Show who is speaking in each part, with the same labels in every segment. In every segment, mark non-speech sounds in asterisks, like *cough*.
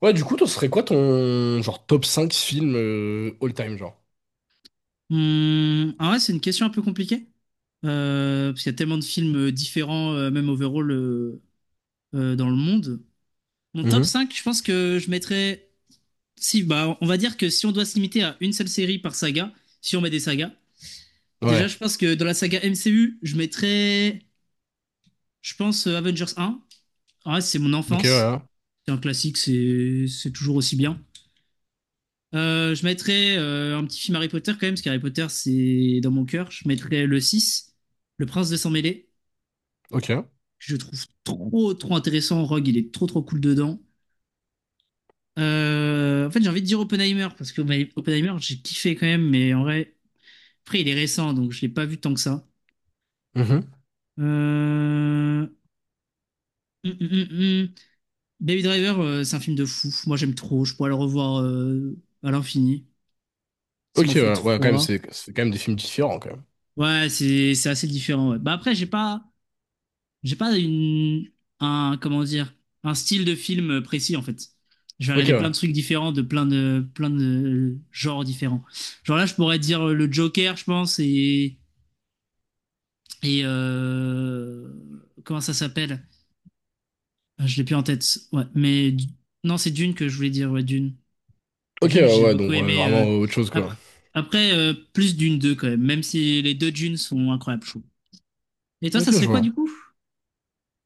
Speaker 1: Ouais, du coup, toi, ce serait quoi ton genre top 5 films all time, genre?
Speaker 2: Ah ouais, c'est une question un peu compliquée. Parce qu'il y a tellement de films différents, même overall, dans le monde. Mon top
Speaker 1: Mhm.
Speaker 2: 5, je pense que je mettrais. Si, bah, on va dire que si on doit se limiter à une seule série par saga, si on met des sagas, déjà,
Speaker 1: Ouais.
Speaker 2: je pense que dans la saga MCU, je mettrais, je pense, Avengers un. Ah ouais, c'est mon
Speaker 1: Ok, ouais.
Speaker 2: enfance.
Speaker 1: Hein.
Speaker 2: C'est un classique, c'est toujours aussi bien. Je mettrais un petit film Harry Potter quand même, parce qu'Harry Potter, c'est dans mon cœur. Je mettrais le 6, Le Prince de Sang-Mêlé.
Speaker 1: Ok.
Speaker 2: Que je trouve trop, trop intéressant. Rogue, il est trop, trop cool dedans. En fait, j'ai envie de dire Oppenheimer, parce que bah, Oppenheimer, j'ai kiffé quand même, mais en vrai, après, il est récent, donc je l'ai pas vu tant que ça.
Speaker 1: Mhm.
Speaker 2: Euh... hum, hum. Baby Driver, c'est un film de fou. Moi, j'aime trop. Je pourrais le revoir à l'infini. Ça
Speaker 1: Ok,
Speaker 2: m'en fait
Speaker 1: ouais. Ouais, quand même,
Speaker 2: trois.
Speaker 1: c'est quand même des films différents, quand même.
Speaker 2: Ouais, c'est assez différent. Ouais. Bah après, j'ai pas une, un, comment dire, un style de film précis en fait. Je vais
Speaker 1: Ok,
Speaker 2: regarder plein
Speaker 1: ouais.
Speaker 2: de trucs différents de plein de genres différents. Genre là, je pourrais dire le Joker, je pense, et comment ça s'appelle? Ah, je l'ai plus en tête. Ouais, mais non, c'est Dune que je voulais dire. Ouais, Dune.
Speaker 1: Ok,
Speaker 2: Dune,
Speaker 1: ouais,
Speaker 2: j'ai
Speaker 1: ouais,
Speaker 2: beaucoup
Speaker 1: donc ouais,
Speaker 2: aimé.
Speaker 1: vraiment autre chose, quoi.
Speaker 2: Après, après, plus Dune deux quand même, même si les deux Dunes sont incroyables, je trouve. Et toi, ça
Speaker 1: Ok,
Speaker 2: serait
Speaker 1: je
Speaker 2: quoi
Speaker 1: vois.
Speaker 2: du coup?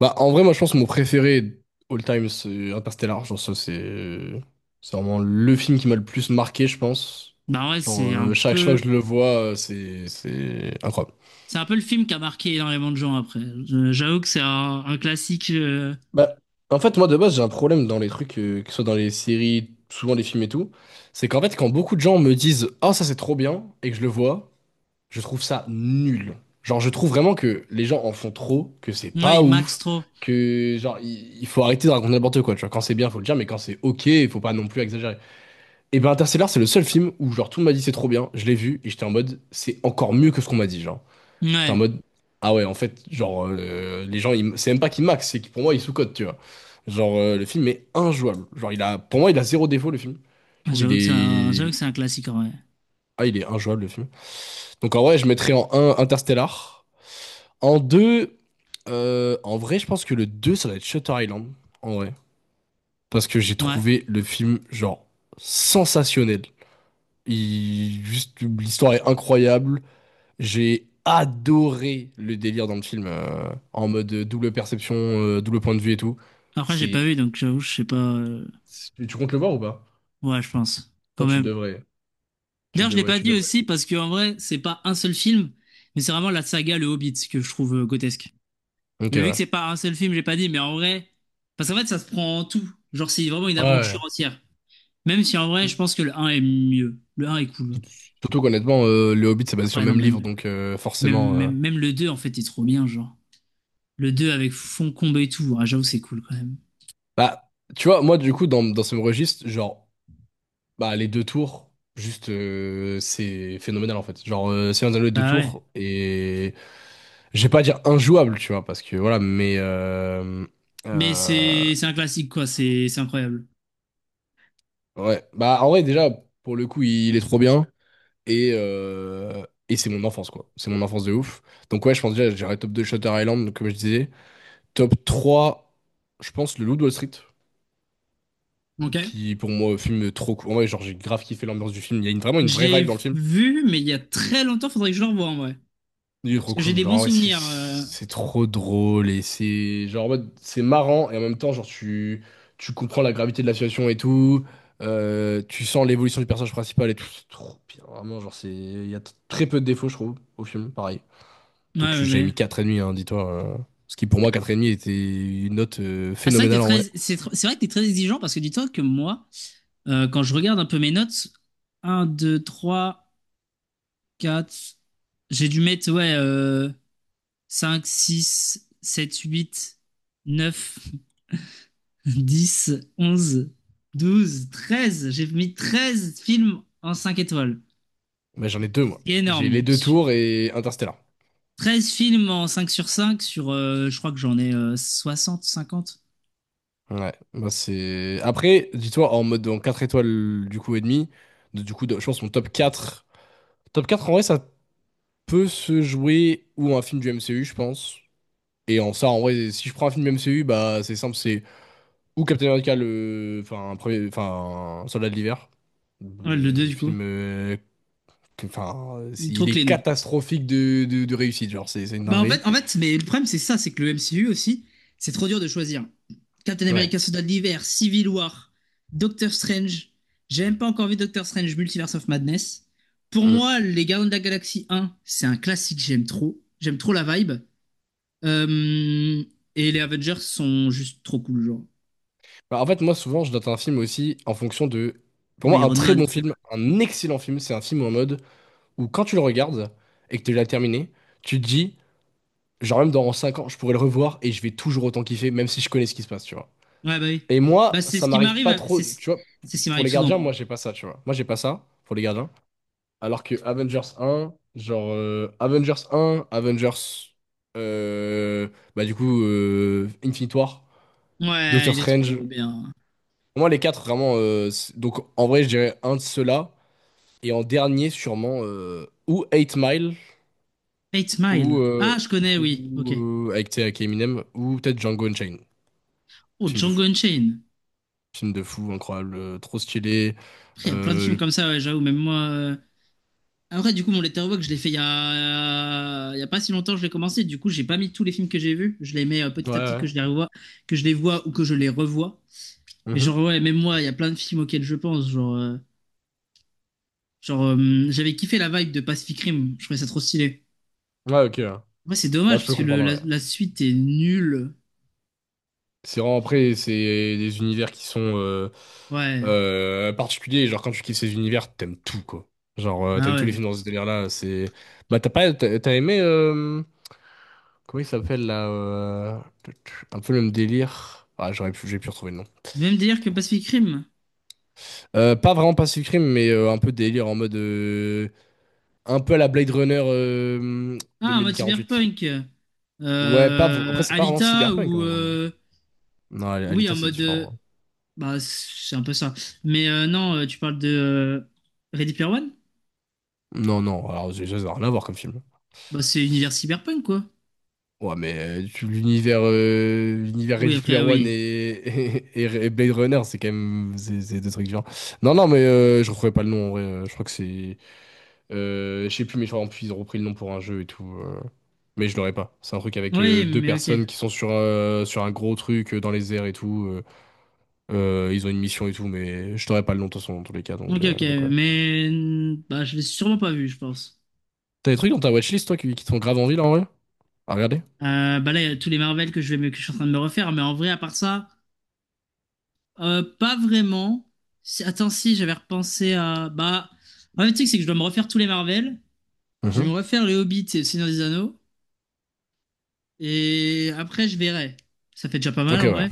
Speaker 1: Bah, en vrai, moi, je pense que mon préféré all time, c'est Interstellar. Genre, ça, c'est. C'est vraiment le film qui m'a le plus marqué, je pense.
Speaker 2: Bah ouais,
Speaker 1: Genre,
Speaker 2: c'est un
Speaker 1: chaque fois que
Speaker 2: peu.
Speaker 1: je le vois, c'est incroyable.
Speaker 2: C'est un peu le film qui a marqué énormément de gens après. J'avoue que c'est un classique.
Speaker 1: Bah, en fait, moi, de base, j'ai un problème dans les trucs, que ce soit dans les séries, souvent les films et tout. C'est qu'en fait, quand beaucoup de gens me disent «Ah, ça, c'est trop bien» et que je le vois, je trouve ça nul. Genre, je trouve vraiment que les gens en font trop, que c'est
Speaker 2: Ouais,
Speaker 1: pas
Speaker 2: il max
Speaker 1: ouf,
Speaker 2: trop.
Speaker 1: que, genre, il faut arrêter de raconter n'importe quoi, tu vois. Quand c'est bien, faut le dire, mais quand c'est ok, faut pas non plus exagérer. Et ben, Interstellar, c'est le seul film où, genre, tout le monde m'a dit «C'est trop bien», je l'ai vu, et j'étais en mode «C'est encore mieux que ce qu'on m'a dit», genre. J'étais en
Speaker 2: Ouais,
Speaker 1: mode, ah ouais, en fait, genre, les gens, c'est même pas qu'ils max, c'est que pour moi, ils sous-cotent, tu vois. Genre, le film est injouable. Genre, il a, pour moi, il a zéro défaut, le film. Je trouve il
Speaker 2: j'avoue que c'est un, j'avoue
Speaker 1: est.
Speaker 2: que c'est un classique en vrai.
Speaker 1: Ah, il est injouable, le film. Donc, en vrai, je mettrais en un Interstellar. En deux en vrai, je pense que le 2 ça va être Shutter Island, en vrai. Parce que j'ai
Speaker 2: Ouais.
Speaker 1: trouvé le film, genre, sensationnel. Juste, l'histoire est incroyable. J'ai adoré le délire dans le film, en mode double perception, double point de vue et tout.
Speaker 2: Après, j'ai
Speaker 1: C'est...
Speaker 2: pas vu, donc j'avoue, je sais pas.
Speaker 1: Tu comptes le voir ou pas?
Speaker 2: Ouais, je pense. Quand
Speaker 1: Non, tu
Speaker 2: même.
Speaker 1: devrais, tu
Speaker 2: D'ailleurs, je l'ai
Speaker 1: devrais,
Speaker 2: pas
Speaker 1: tu
Speaker 2: dit
Speaker 1: devrais.
Speaker 2: aussi parce que en vrai, c'est pas un seul film, mais c'est vraiment la saga Le Hobbit que je trouve grotesque.
Speaker 1: Ok,
Speaker 2: Mais vu que
Speaker 1: ouais.
Speaker 2: c'est pas un seul film, j'ai pas dit, mais en vrai. Parce qu'en fait, ça se prend en tout. Genre, c'est vraiment une aventure
Speaker 1: Ouais.
Speaker 2: entière. Même si en vrai, je pense que le un est mieux. Le un est cool.
Speaker 1: Surtout qu'honnêtement, Le Hobbit, c'est basé sur le
Speaker 2: Après, non,
Speaker 1: même livre,
Speaker 2: même.
Speaker 1: donc
Speaker 2: Même,
Speaker 1: forcément.
Speaker 2: même, même le 2 en fait, est trop bien, genre. Le 2 avec Foncombe et tout. Ah, j'avoue, c'est cool quand même.
Speaker 1: Bah, tu vois, moi, du coup, dans ce même registre, genre, bah, les deux tours, juste, c'est phénoménal, en fait. Genre, Seigneur des Anneaux, les deux
Speaker 2: Bah ouais.
Speaker 1: tours, et. Je vais pas dire injouable, tu vois, parce que, voilà, mais
Speaker 2: Mais
Speaker 1: euh,
Speaker 2: c'est un classique, quoi. C'est incroyable.
Speaker 1: Ouais, bah en vrai déjà pour le coup il est trop bien et c'est mon enfance quoi. C'est mon enfance de ouf. Donc ouais, je pense déjà j'irai top 2 Shutter Island comme je disais, top 3 je pense Le Loup de Wall Street
Speaker 2: Ok.
Speaker 1: qui pour moi film trop cool. En vrai, genre j'ai grave kiffé l'ambiance du film, il y a vraiment une
Speaker 2: Je
Speaker 1: vraie
Speaker 2: l'ai
Speaker 1: vibe dans le film.
Speaker 2: vu, mais il y a très longtemps, faudrait que je le revoie en vrai.
Speaker 1: Du
Speaker 2: Parce que j'ai
Speaker 1: Roku,
Speaker 2: des bons
Speaker 1: genre, ouais, c'est
Speaker 2: souvenirs.
Speaker 1: c'est trop drôle et c'est genre, en mode, c'est marrant et en même temps, genre, tu comprends la gravité de la situation et tout. Tu sens l'évolution du personnage principal et tout. C'est trop bien, vraiment, genre, il y a très peu de défauts, je trouve, au film, pareil.
Speaker 2: Ouais,
Speaker 1: Donc,
Speaker 2: ouais,
Speaker 1: j'avais mis
Speaker 2: ouais.
Speaker 1: 4,5, hein, dis-toi. Ce qui, pour moi, quatre et demi était une note
Speaker 2: Ah,
Speaker 1: phénoménale en vrai.
Speaker 2: c'est vrai que t'es très exigeant parce que dis-toi que moi, quand je regarde un peu mes notes, un deux trois quatre j'ai dû mettre, ouais, 5, 6, 7, 8, 9. 10, 11, 12, 13. J'ai mis 13 films en 5 étoiles.
Speaker 1: Mais j'en ai deux, moi.
Speaker 2: C'est
Speaker 1: J'ai les
Speaker 2: énorme.
Speaker 1: deux tours et Interstellar.
Speaker 2: 13 films en cinq sur, je crois que j'en ai 60, 50.
Speaker 1: Ouais, moi, c'est. Après, dis-toi, en mode, en 4 étoiles, du coup, et demi, je pense que mon top 4. Top 4, en vrai, ça peut se jouer ou un film du MCU, je pense. Et en ça, en vrai, si je prends un film du MCU, bah c'est simple, c'est ou Captain America, enfin, enfin, un Soldat de l'hiver.
Speaker 2: Ouais, le deux du coup.
Speaker 1: Film. Enfin,
Speaker 2: Il est trop
Speaker 1: il est
Speaker 2: clean.
Speaker 1: catastrophique de réussite, genre, c'est une
Speaker 2: Bah en fait,
Speaker 1: dinguerie.
Speaker 2: en fait, mais le problème c'est ça, c'est que le MCU aussi, c'est trop dur de choisir. Captain
Speaker 1: Ouais.
Speaker 2: America Soldat de l'hiver, Civil War, Doctor Strange. J'ai même pas encore vu Doctor Strange Multiverse of Madness. Pour
Speaker 1: Mm.
Speaker 2: moi, les Gardiens de la Galaxie un c'est un classique, j'aime trop. J'aime trop la vibe. Euh, et les Avengers sont juste trop cool, genre.
Speaker 1: Bah, en fait, moi, souvent, je note un film aussi en fonction de.
Speaker 2: Et
Speaker 1: Pour
Speaker 2: ben
Speaker 1: moi, un
Speaker 2: Iron
Speaker 1: très
Speaker 2: Man.
Speaker 1: bon
Speaker 2: Putain.
Speaker 1: film, un excellent film, c'est un film en mode où quand tu le regardes et que tu l'as terminé, tu te dis. Genre même dans 5 ans, je pourrais le revoir et je vais toujours autant kiffer, même si je connais ce qui se passe, tu vois.
Speaker 2: Ouais, bah oui.
Speaker 1: Et
Speaker 2: Bah,
Speaker 1: moi,
Speaker 2: c'est
Speaker 1: ça
Speaker 2: ce qui
Speaker 1: m'arrive
Speaker 2: m'arrive,
Speaker 1: pas trop,
Speaker 2: c'est ce
Speaker 1: tu vois,
Speaker 2: c'est ce qui
Speaker 1: pour
Speaker 2: m'arrive
Speaker 1: les
Speaker 2: souvent,
Speaker 1: gardiens,
Speaker 2: moi.
Speaker 1: moi j'ai pas ça, tu vois. Moi j'ai pas ça pour les gardiens. Alors que Avengers un genre Avengers un Avengers, euh, bah du coup, Infinite War,
Speaker 2: Ouais,
Speaker 1: Doctor
Speaker 2: il est
Speaker 1: Strange.
Speaker 2: trop bien.
Speaker 1: Moi les quatre vraiment, donc en vrai je dirais un de ceux-là. Et en dernier sûrement, ou Eight Mile,
Speaker 2: Eight
Speaker 1: ou,
Speaker 2: Mile. Ah,
Speaker 1: euh,
Speaker 2: je connais, oui. Ok.
Speaker 1: ou avec, tu sais, avec Eminem, ou peut-être Django Unchained,
Speaker 2: Oh,
Speaker 1: film de
Speaker 2: Django
Speaker 1: fou.
Speaker 2: Unchained.
Speaker 1: Film de fou, incroyable, trop stylé.
Speaker 2: Après, il y a plein de films
Speaker 1: Euh,
Speaker 2: comme ça, ouais, j'avoue. Même moi. Après, du coup, mon Letterboxd, je l'ai fait il y a pas si longtemps, je l'ai commencé. Du coup, j'ai pas mis tous les films que j'ai vus. Je les mets petit à petit
Speaker 1: Ouais,
Speaker 2: que
Speaker 1: ouais.
Speaker 2: je les revois, que je les vois ou que je les revois. Mais
Speaker 1: Mhm.
Speaker 2: genre, ouais, même moi, il y a plein de films auxquels je pense. Genre, j'avais kiffé la vibe de Pacific Rim. Je trouvais ça trop stylé.
Speaker 1: Ouais, ok. Ouais.
Speaker 2: Ouais, c'est
Speaker 1: Bon,
Speaker 2: dommage
Speaker 1: je
Speaker 2: parce
Speaker 1: peux
Speaker 2: que le-
Speaker 1: comprendre,
Speaker 2: la,
Speaker 1: ouais.
Speaker 2: la suite est nulle.
Speaker 1: C'est vraiment après, c'est des univers qui sont
Speaker 2: Ouais,
Speaker 1: particuliers. Genre, quand tu kiffes ces univers, t'aimes tout, quoi. Genre,
Speaker 2: bah
Speaker 1: t'aimes tous
Speaker 2: ouais.
Speaker 1: les films dans ce délire-là. C'est. Bah, t'as pas. T'as aimé. Comment il s'appelle, là Un peu le même délire. Ah, j'aurais pu, j'ai pu retrouver le nom.
Speaker 2: Même délire que
Speaker 1: Trop compliqué.
Speaker 2: Pacific Rim.
Speaker 1: Pas vraiment Pacific Rim, mais un peu délire en mode. Un peu à la Blade Runner
Speaker 2: Ah, en mode
Speaker 1: 2048.
Speaker 2: cyberpunk.
Speaker 1: Ouais, pas, après, c'est pas vraiment
Speaker 2: Alita
Speaker 1: cyberpunk, en vrai. Non,
Speaker 2: oui,
Speaker 1: Alita,
Speaker 2: en
Speaker 1: c'est
Speaker 2: mode.
Speaker 1: différent.
Speaker 2: Bah, c'est un peu ça. Mais non, tu parles de Ready Player One?
Speaker 1: Non, non, alors déjà, ça n'a rien à voir comme film.
Speaker 2: Bah, c'est univers cyberpunk, quoi.
Speaker 1: Ouais, mais l'univers
Speaker 2: Oui,
Speaker 1: Ready Player
Speaker 2: après,
Speaker 1: One et,
Speaker 2: oui.
Speaker 1: *laughs* et Blade Runner, c'est quand même c'est deux trucs différents. Non, non, mais je retrouvais pas le nom, en vrai. Je crois que je sais plus, mais je crois en plus, ils ont repris le nom pour un jeu et tout. Mais je l'aurais pas. C'est un truc avec
Speaker 2: Oui,
Speaker 1: deux
Speaker 2: mais ok.
Speaker 1: personnes qui sont sur un gros truc dans les airs et tout. Ils ont une mission et tout, mais je t'aurais pas le nom de toute façon, dans tous les cas, donc,
Speaker 2: Ok,
Speaker 1: euh,
Speaker 2: ok.
Speaker 1: donc ouais.
Speaker 2: Bah, je l'ai sûrement pas vu, je pense.
Speaker 1: T'as des trucs dans ta watchlist, toi, qui te font grave envie, là, en vrai? À regarder?
Speaker 2: Bah là, il y a tous les Marvel que je vais, que je suis en train de me refaire, mais en vrai, à part ça, pas vraiment. Attends, si, j'avais repensé à, bah, en fait, tu sais, que c'est que je dois me refaire tous les Marvel. Je vais
Speaker 1: Mhm.
Speaker 2: me refaire les Hobbits et le Seigneur des Anneaux, et après, je verrai. Ça fait déjà pas mal,
Speaker 1: Ok,
Speaker 2: en
Speaker 1: ouais.
Speaker 2: vrai.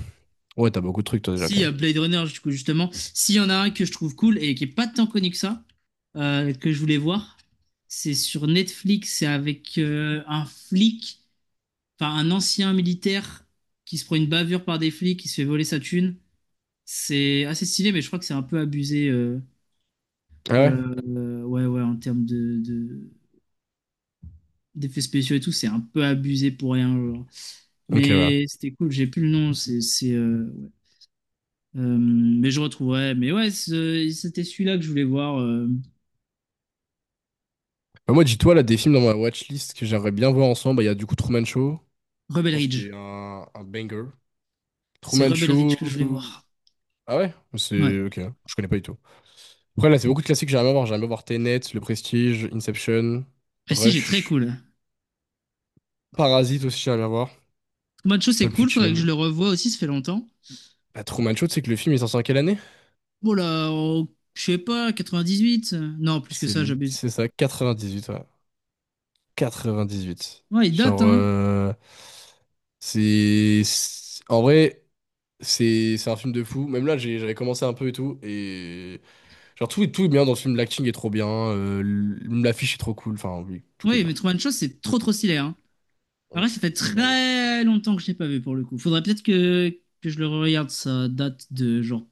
Speaker 1: Ouais, t'as beaucoup de trucs, toi, déjà, quand
Speaker 2: Si,
Speaker 1: même.
Speaker 2: Blade Runner, du coup, justement, s'il y en a un que je trouve cool et qui est pas tant connu que ça, que je voulais voir, c'est sur Netflix, c'est avec un flic, enfin, un ancien militaire qui se prend une bavure par des flics, qui se fait voler sa thune. C'est assez stylé, mais je crois que c'est un peu abusé.
Speaker 1: Ah ouais?
Speaker 2: Ouais, ouais, en termes d'effets spéciaux et tout, c'est un peu abusé pour rien. Genre.
Speaker 1: Ok, ouais.
Speaker 2: Mais c'était cool, j'ai plus le nom. C'est, ouais. Mais je retrouverai. Mais ouais, c'était celui-là que je voulais voir.
Speaker 1: Bah, moi, dis-toi, là, des films dans ma watchlist que j'aimerais bien voir ensemble, bah, il y a du coup Truman Show. Je
Speaker 2: Rebel
Speaker 1: pense qu'il y
Speaker 2: Ridge.
Speaker 1: a un banger.
Speaker 2: C'est
Speaker 1: Truman
Speaker 2: Rebel Ridge
Speaker 1: Show.
Speaker 2: que je voulais voir.
Speaker 1: Ah ouais?
Speaker 2: Ouais.
Speaker 1: C'est. Ok, je connais pas du tout. Après, là, c'est beaucoup de classiques que j'aimerais bien voir. J'aimerais bien voir Tenet, Le Prestige, Inception,
Speaker 2: Prestige est très
Speaker 1: Rush,
Speaker 2: cool.
Speaker 1: Parasite aussi, j'aimerais bien voir.
Speaker 2: Macho, c'est
Speaker 1: Pulp
Speaker 2: cool, faudrait que je
Speaker 1: Fiction.
Speaker 2: le revoie aussi, ça fait longtemps.
Speaker 1: Bah, Truman Show, tu sais que le film, il est sorti en quelle année?
Speaker 2: Bon là, je sais pas, 98. Non, plus que
Speaker 1: C'est
Speaker 2: ça,
Speaker 1: li-
Speaker 2: j'abuse.
Speaker 1: c'est ça, 98, ouais. 98.
Speaker 2: Ouais, il date,
Speaker 1: Genre,
Speaker 2: hein.
Speaker 1: En vrai, c'est un film de fou. Même là, j'avais commencé un peu et tout. Et genre, tout est bien dans ce film. L'acting est trop bien. L'affiche est trop cool. Enfin, oui, tout est
Speaker 2: Oui,
Speaker 1: bien.
Speaker 2: mais Truman Show, c'est trop trop stylé, hein. En
Speaker 1: Mm.
Speaker 2: vrai, ça fait
Speaker 1: Faut que je regarde.
Speaker 2: très longtemps que je l'ai pas vu pour le coup. Faudrait peut-être que, je le regarde. Ça date de genre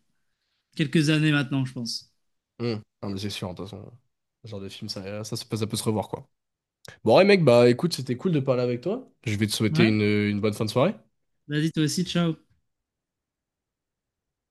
Speaker 2: quelques années maintenant, je pense.
Speaker 1: Mm. Non, mais c'est sûr, de toute façon. Ce genre de film, ça, se peut ça peut se revoir, quoi. Bon, ouais, mec, bah écoute, c'était cool de parler avec toi. Je vais te souhaiter
Speaker 2: Ouais.
Speaker 1: une bonne fin de soirée.
Speaker 2: Vas-y, toi aussi, ciao.